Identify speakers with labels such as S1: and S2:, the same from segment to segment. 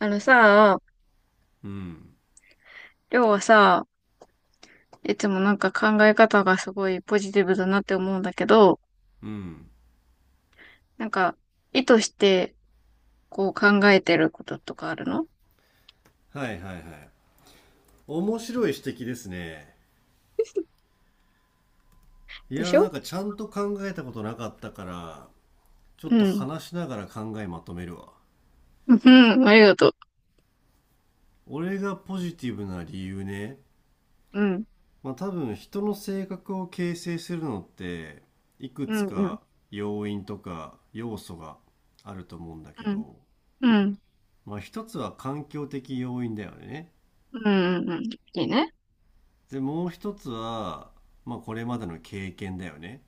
S1: あのさ、
S2: うん
S1: りょうはさ、いつもなんか考え方がすごいポジティブだなって思うんだけど、
S2: うん
S1: なんか意図してこう考えてることとかあるの。
S2: はいはいはい。面白い指摘ですね。い
S1: で
S2: や
S1: し
S2: ー、
S1: ょ。
S2: ちゃんと考えたことなかったから、ちょっ
S1: う
S2: と
S1: ん。
S2: 話しながら考えまとめるわ。
S1: うん、ありがと
S2: 俺がポジティブな理由ね。
S1: う。うん、
S2: まあ多分人の性格を形成するのって、いく
S1: う
S2: つ
S1: ん、うん、
S2: か要因とか要素があると思うんだけ
S1: うん、
S2: ど、
S1: うん、
S2: まあ一つは環境的要因だよね。
S1: うん、うん、いいね。
S2: でもう一つは、まあこれまでの経験だよね。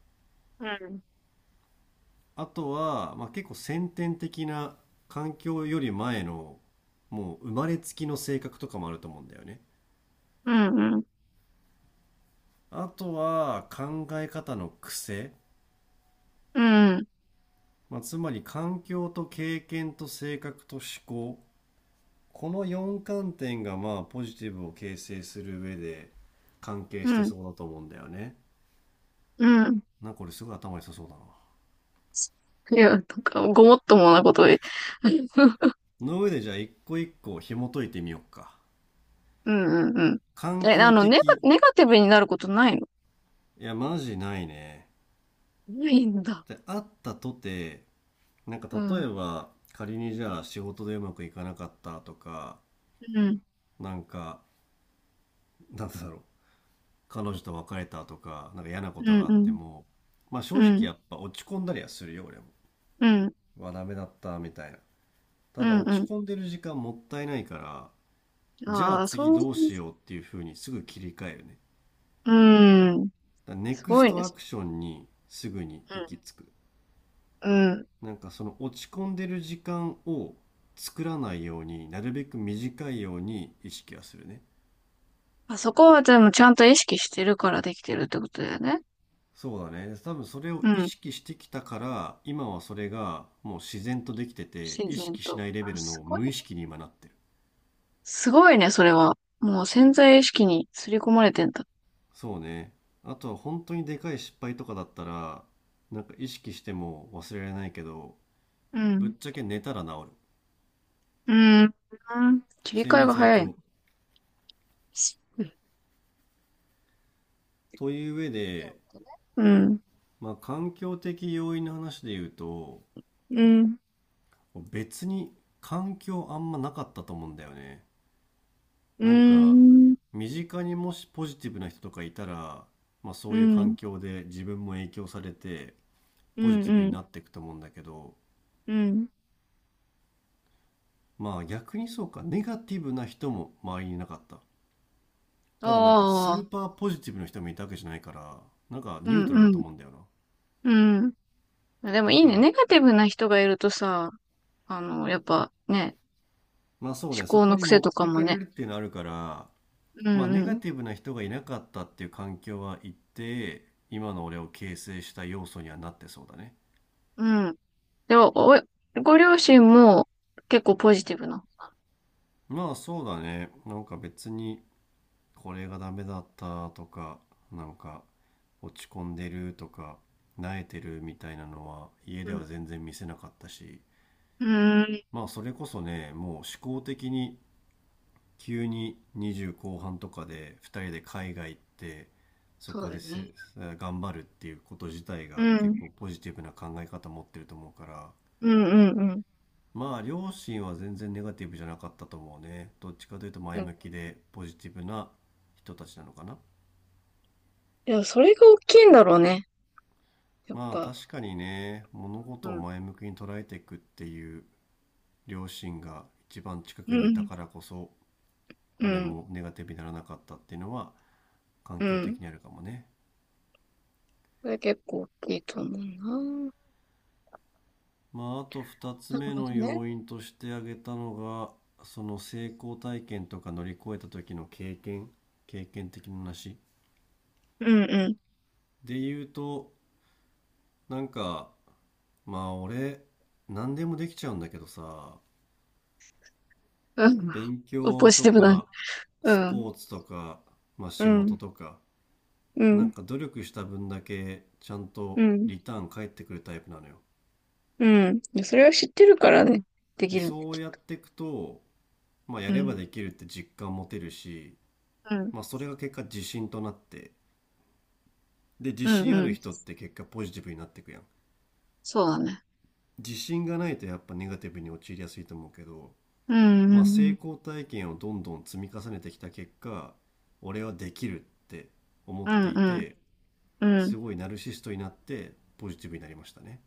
S1: うん、
S2: あとは、まあ、結構先天的な、環境より前の、もう生まれつきの性格とかもあると思うんだよね。
S1: うん、うん、
S2: あとは考え方の癖、
S1: うん、
S2: まあ、つまり環境と経験と性格と思考、この4観点がまあポジティブを形成する上で関係
S1: う
S2: して
S1: ん、
S2: そうだと思うんだよね。
S1: うん。
S2: なんかこれすごい頭良さそうだな。
S1: いや、なんかごもっともなことで。うん、
S2: の上でじゃあ一個一個紐解いてみようか。
S1: うん、うん。
S2: 環
S1: え、
S2: 境的。
S1: ネガティブになることないの。
S2: いや、マジないね。
S1: ないんだ。
S2: で、あったとて、なんか
S1: う
S2: 例
S1: ん、
S2: えば仮にじゃあ仕事でうまくいかなかったとか、
S1: うん、
S2: なんかなんだろう彼女と別れたとかなんか嫌なこ
S1: う
S2: と
S1: ん、
S2: があっ
S1: う
S2: て
S1: ん。
S2: も、まあ正
S1: う
S2: 直
S1: ん
S2: やっぱ落ち込んだりはするよ俺も。
S1: うん、
S2: うわダメだったみたいな。
S1: う
S2: ただ
S1: ん、
S2: 落ち
S1: う
S2: 込んでる時間もったいないから、
S1: ん。
S2: じゃあ
S1: ああ、
S2: 次
S1: そう、
S2: どうしようっていう風にすぐ切り替えるね。
S1: うん。
S2: だからネ
S1: す
S2: ク
S1: ご
S2: ス
S1: いね。
S2: トア
S1: そ
S2: クションにすぐに行き着く。
S1: うん、うん。
S2: なんかその落ち込んでる時間を作らないように、なるべく短いように意識はするね。
S1: まあそこはでもちゃんと意識してるからできてるってことだよね。
S2: そうだね。多分それを
S1: う
S2: 意
S1: ん。
S2: 識してきたから、今はそれがもう自然とできてて、
S1: 自
S2: 意
S1: 然
S2: 識し
S1: と。
S2: ないレ
S1: あ、
S2: ベル
S1: す
S2: の
S1: ごい
S2: 無
S1: ね。
S2: 意識に今なってる。
S1: すごいね、それは。もう潜在意識に刷り込まれてんだ。
S2: そうね。あとは本当にでかい失敗とかだったら、なんか意識しても忘れられないけど、
S1: う
S2: ぶっ
S1: ん。
S2: ちゃけ寝たら治る。
S1: うん。うん、切り
S2: 睡
S1: 替え
S2: 眠
S1: が
S2: 最
S1: 早いね。
S2: 強。という上で、
S1: うん。
S2: まあ環境的要因の話で言うと、
S1: うん。
S2: 別に環境あんまなかったと思うんだよね。
S1: う
S2: なんか
S1: ん。
S2: 身近にもしポジティブな人とかいたら、まあ、そ
S1: う
S2: ういう環
S1: ん。
S2: 境で自分も影響されて
S1: う
S2: ポジ
S1: ん。
S2: ティブ
S1: う
S2: に
S1: ん。
S2: なっていくと思うんだけど、
S1: うん。
S2: まあ逆に、そうか、ネガティブな人も周りにいなかった。
S1: あ
S2: ただなんかス
S1: あ。
S2: ーパーポジティブな人もいたわけじゃないから、なんか
S1: う
S2: ニュ
S1: ん。
S2: ートラルだと
S1: うん。
S2: 思うんだよ。
S1: うん。でも
S2: な、
S1: い
S2: だ
S1: い
S2: か
S1: ね。
S2: ら、
S1: ネガティブな人がいるとさ、あの、やっぱね、
S2: まあそう
S1: 思
S2: ね、そ
S1: 考
S2: こ
S1: の
S2: に
S1: 癖
S2: 持っ
S1: とか
S2: て
S1: も
S2: かれ
S1: ね。
S2: るっていうのあるから、
S1: う
S2: まあネガ
S1: ん
S2: ティブな人がいなかったっていう環境は一定今の俺を形成した要素にはなってそうだね。
S1: うん。うん。でも、ご両親も結構ポジティブな。
S2: まあそうだね。なんか別にこれがダメだったとか、なんか落ち込んでるとか、萎えてるみたいなのは家
S1: う
S2: で
S1: ん。
S2: は全然見せなかったし、
S1: うーん。
S2: まあそれこそね、もう思考的に急に20後半とかで2人で海外行って、そ
S1: そう
S2: こ
S1: だ
S2: で
S1: よね。
S2: せ頑張るっていうこと自体
S1: う
S2: が結
S1: ん。
S2: 構ポジティブな考え方持ってると思うから、
S1: うんうんうん。
S2: まあ両親は全然ネガティブじゃなかったと思うね。どっちかというと
S1: う
S2: 前
S1: ん、
S2: 向きでポジティブな人たちなのかな。
S1: いや、それが大きいんだろうね。やっ
S2: まあ
S1: ぱ。
S2: 確かにね、物
S1: う
S2: 事を
S1: ん。
S2: 前向きに捉えていくっていう両親が一番近
S1: う
S2: くにいた
S1: ん
S2: からこそ、
S1: う
S2: 俺
S1: ん。
S2: もネガティブにならなかったっていうのは
S1: う
S2: 環
S1: ん。う
S2: 境
S1: ん、
S2: 的にあるかもね。
S1: それ結構大きいと思うな。
S2: まああと2つ
S1: なるほ
S2: 目の
S1: どね。
S2: 要因として挙げたのが、その成功体験とか乗り越えた時の経験、経験的な話
S1: うんうん。
S2: で言うと、なんかまあ俺、何でもできちゃうんだけどさ、
S1: うん。
S2: 勉
S1: ポ
S2: 強
S1: ジ
S2: と
S1: ティブだね。
S2: か、
S1: う
S2: ス
S1: ん。
S2: ポーツとか、まあ
S1: う
S2: 仕事
S1: ん。
S2: とか、
S1: う
S2: なん
S1: ん。
S2: か努力した分だけちゃん
S1: う
S2: と
S1: ん。
S2: リターン返ってくるタイプなのよ。
S1: うん、いやそれは知ってるからね、で
S2: で、
S1: きるんで
S2: そう
S1: き、
S2: やっていくと、まあ
S1: う
S2: やれば
S1: ん
S2: できるって実感持てるし、
S1: うん
S2: まあそれが結果自信となって、で、自
S1: うん
S2: 信あ
S1: う
S2: る
S1: ん、
S2: 人って結果ポジティブになっていくやん。
S1: そうだね、
S2: 自信がないとやっぱネガティブに陥りやすいと思うけど、
S1: うんう
S2: まあ、成
S1: ん
S2: 功体験をどんどん積み重ねてきた結果、俺はできるって思っ
S1: うん
S2: てい
S1: うん
S2: て、
S1: うんう
S2: す
S1: ん、
S2: ごいナルシストになってポジティブになりましたね。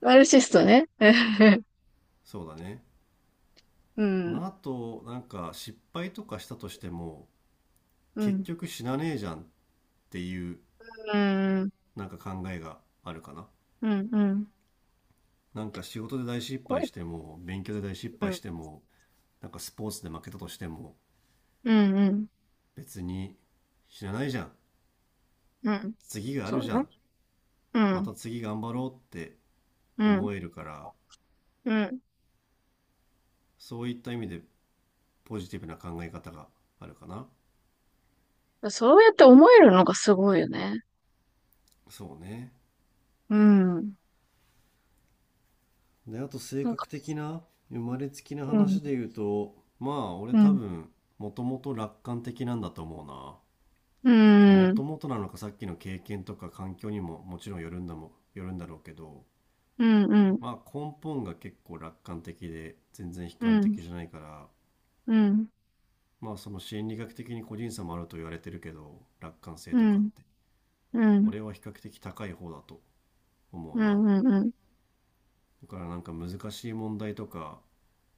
S1: マルシストね、
S2: そうだね。
S1: うん
S2: まあ、あと、なんか失敗とかしたとしても、
S1: う
S2: 結
S1: ん
S2: 局死なねえじゃんっていう、
S1: うんうん
S2: なんか考えがあるかな。
S1: うんうんうん
S2: なんか仕事で大失敗しても、勉強で大失
S1: う
S2: 敗
S1: ん
S2: しても、なんかスポーツで負けたとしても、
S1: うん
S2: 別に死なないじゃん。
S1: うん、
S2: 次があ
S1: そ
S2: る
S1: う
S2: じゃ
S1: ね、
S2: ん。
S1: う
S2: ま
S1: ん
S2: た次頑張ろうって
S1: うん
S2: 思えるから、
S1: うん、
S2: そういった意味でポジティブな考え方があるかな。
S1: あそうやって思えるのがすごいよね、
S2: そうね。
S1: うん、
S2: で、あと性
S1: なん
S2: 格
S1: か、
S2: 的な、生まれつきな
S1: うん
S2: 話で言うと、まあ俺
S1: う
S2: 多
S1: ん
S2: 分、もともと楽観的なんだと思うな。
S1: う
S2: も
S1: ん
S2: ともとなのか、さっきの経験とか環境にももちろん、よるんだろうけど、
S1: うんうん
S2: まあ根本が結構楽観的で全然悲
S1: う
S2: 観
S1: んうん
S2: 的じゃないから、
S1: うん
S2: まあその心理学的に個人差もあると言われてるけど、楽観性
S1: う
S2: とかっ
S1: ん
S2: て。
S1: うん
S2: 俺は比較的高い方だと思う
S1: う
S2: な。
S1: んうん
S2: だからなんか難しい問題とか、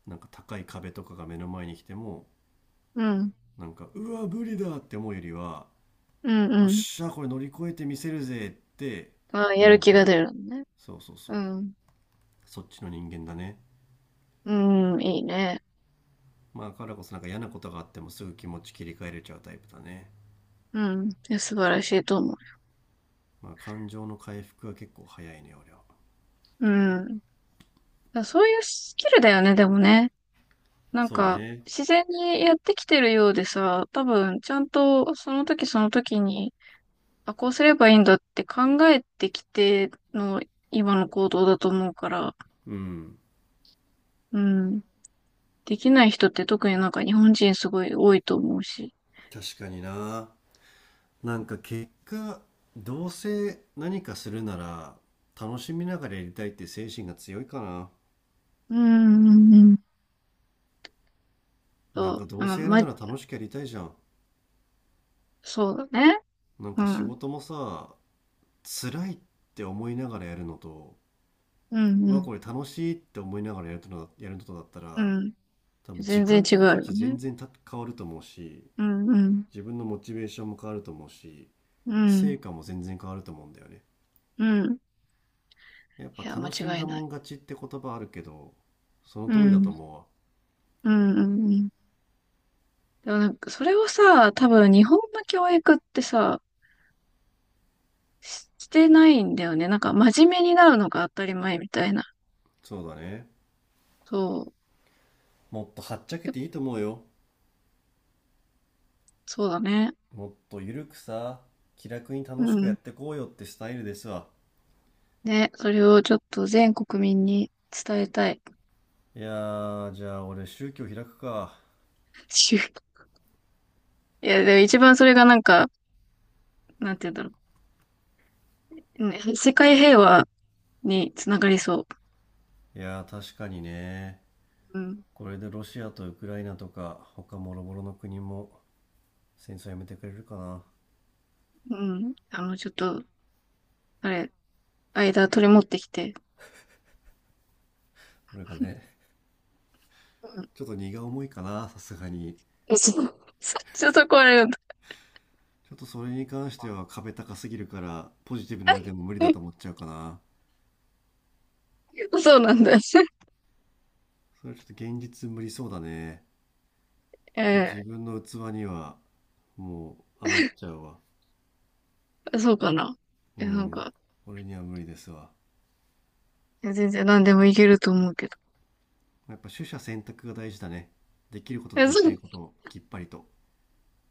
S2: なんか高い壁とかが目の前に来ても、
S1: うん。
S2: なんか、うわ、無理だって思うよりは、
S1: うん
S2: よっ
S1: うん。
S2: しゃ、これ乗り越えてみせるぜって
S1: ああ、やる
S2: 思う
S1: 気
S2: タ
S1: が
S2: イ
S1: 出
S2: プ。
S1: るのね。
S2: そうそうそう。
S1: うん。
S2: そっちの人間だね。
S1: うん、いいね。
S2: まあ、だからこそなんか嫌なことがあってもすぐ気持ち切り替えれちゃうタイプだね。
S1: うん。いや素晴らしいと思う。
S2: まあ、感情の回復は結構早いね、俺は。
S1: うん。だそういうスキルだよね、でもね。なん
S2: そう
S1: か、
S2: ね。
S1: 自然にやってきてるようでさ、多分、ちゃんと、その時その時に、あ、こうすればいいんだって考えてきての、今の行動だと思うから、
S2: うん。
S1: うん。できない人って特になんか日本人すごい多いと思うし。
S2: 確かにな。なんか結果、どうせ何かするなら、楽しみながらやりたいって精神が強いかな。
S1: うん、うん、うん。
S2: なん
S1: そ
S2: かど
S1: う、う
S2: うせ
S1: ん、
S2: やる
S1: ま、
S2: なら楽しくやりたいじゃん。
S1: そうだね。
S2: なん
S1: う
S2: か仕
S1: ん、
S2: 事もさ、辛いって思いながらやるのと、
S1: うん、
S2: う
S1: う
S2: わ、
S1: ん。
S2: これ楽しいって思いながらやるのとだった
S1: う
S2: ら、
S1: ん。
S2: 多分時
S1: 全然
S2: 間
S1: 違う
S2: 的
S1: よ
S2: 価値全
S1: ね。
S2: 然変わると思うし、
S1: うん、うん、
S2: 自分のモチベーションも変わると思うし、
S1: う
S2: 成
S1: ん、
S2: 果も全然変わると思うんだよね。
S1: うん。
S2: やっぱ
S1: いや、間
S2: 楽しん
S1: 違い
S2: だ
S1: な
S2: もん
S1: い。
S2: 勝ちって言葉あるけど、その
S1: う
S2: 通りだと
S1: ん、
S2: 思うわ。
S1: うん、うん。うん、でもなんか、それをさ、多分日本の教育ってさ、ししてないんだよね。なんか、真面目になるのが当たり前みたいな。
S2: そうだね。
S1: そ
S2: もっとはっちゃけ
S1: う。
S2: ていいと思うよ。
S1: そうだね。
S2: もっとゆるくさ、気楽に
S1: う
S2: 楽しくや
S1: ん。
S2: ってこうよってスタイルですわ。
S1: ね、それをちょっと全国民に伝えたい。
S2: いやー、じゃあ俺宗教開くか。
S1: ちゅいや、でも一番それがなんか、なんて言うんだろう。ね、世界平和につながりそ
S2: いやー、確かにね。
S1: う。うん。
S2: これでロシアとウクライナとか、他もろもろの国も戦争やめてくれるかな。
S1: うん。あの、ちょっと、あれ、間取り持ってきて。
S2: 俺がね、ちょっと荷が重いかな、さすがに。
S1: うん、そう。ちょっとこれ、
S2: ちょっとそれに関しては壁高すぎるから、ポジティブな俺でも無理だ と思っちゃうかな。
S1: そうなんだ。
S2: それはちょっと現実無理そうだね。ちょっと自
S1: え
S2: 分の器にはもう余っちゃうわ。
S1: そうかな。
S2: う
S1: え、なん
S2: ん。
S1: か、
S2: 俺には無理ですわ。
S1: 全然何でもいけると思うけど。
S2: やっぱ取捨選択が大事だね。できることと
S1: え、
S2: で
S1: そ
S2: きな
S1: う、
S2: いことをきっぱりと。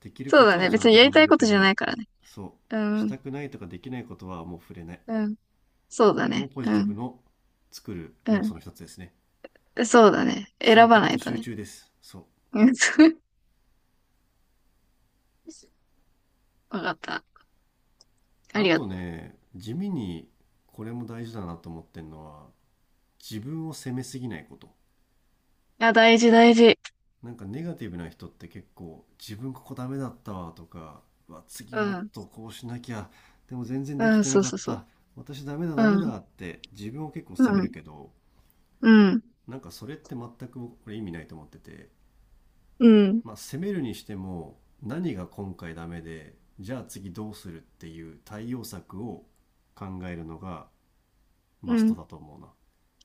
S2: できる
S1: そう
S2: こ
S1: だ
S2: とは
S1: ね。
S2: ちゃん
S1: 別に
S2: と
S1: やり
S2: 頑
S1: た
S2: 張
S1: い
S2: る
S1: こと
S2: け
S1: じゃな
S2: ど、
S1: いからね。
S2: そ
S1: う
S2: う、し
S1: ん、
S2: たくないとかできないことはもう触れない。
S1: うん、そうだ
S2: これも
S1: ね。
S2: ポ
S1: う
S2: ジティブ
S1: ん、
S2: の作る要素の一つですね。
S1: うん、そうだね。選
S2: 選
S1: ば
S2: 択
S1: ない
S2: と
S1: と
S2: 集
S1: ね。
S2: 中です。そう。
S1: うん わかった。あ
S2: あ
S1: りがと
S2: とね、地味にこれも大事だなと思ってんのは、自分を責めすぎないこと。
S1: う。あ、大事大事。
S2: なんかネガティブな人って結構、自分ここダメだったわとか、うわ、次
S1: う
S2: もっ
S1: ん、
S2: とこうしなきゃ、でも全然で
S1: う
S2: き
S1: ん、
S2: て
S1: そ
S2: な
S1: う
S2: か
S1: そ
S2: っ
S1: うそう。
S2: た、私ダメだ
S1: う
S2: ダメ
S1: ん、
S2: だって自分を結構
S1: う
S2: 責め
S1: ん、
S2: るけど、
S1: うん、
S2: なんかそれって全く僕これ意味ないと思ってて、
S1: うん、
S2: まあ、攻めるにしても何が今回ダメでじゃあ次どうするっていう対応策を考えるのが
S1: う
S2: マスト
S1: ん、
S2: だと思うな。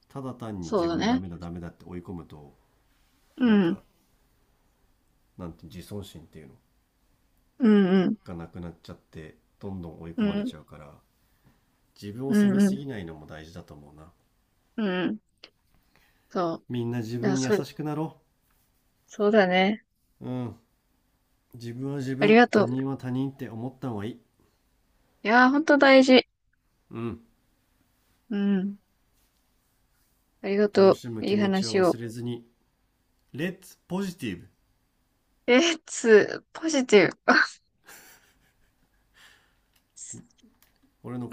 S2: ただ単に
S1: そう
S2: 自
S1: だ
S2: 分ダ
S1: ね。
S2: メだダメだって追い込むと、なん
S1: うん、
S2: かなんて、自尊心っていうの
S1: うん、うん、
S2: がなくなっちゃってどんどん追い
S1: う
S2: 込まれ
S1: ん。
S2: ちゃうから、自分を
S1: う
S2: 責め
S1: んう
S2: す
S1: ん。
S2: ぎないのも大事だと思うな。
S1: うんうん。そ
S2: みんな自
S1: う。いや、
S2: 分に優
S1: それ、
S2: しくなろ
S1: そうだね。
S2: う。うん。自分は自
S1: あり
S2: 分、
S1: がと
S2: 他
S1: う。
S2: 人は他人って思った方がいい。
S1: いやー、ほんと大事。
S2: うん。
S1: うん。ありがと
S2: 楽し
S1: う。
S2: む
S1: いい
S2: 気持ち
S1: 話
S2: を
S1: を。
S2: 忘れずに、Let's Positive!
S1: え、ポジティブ。
S2: 俺の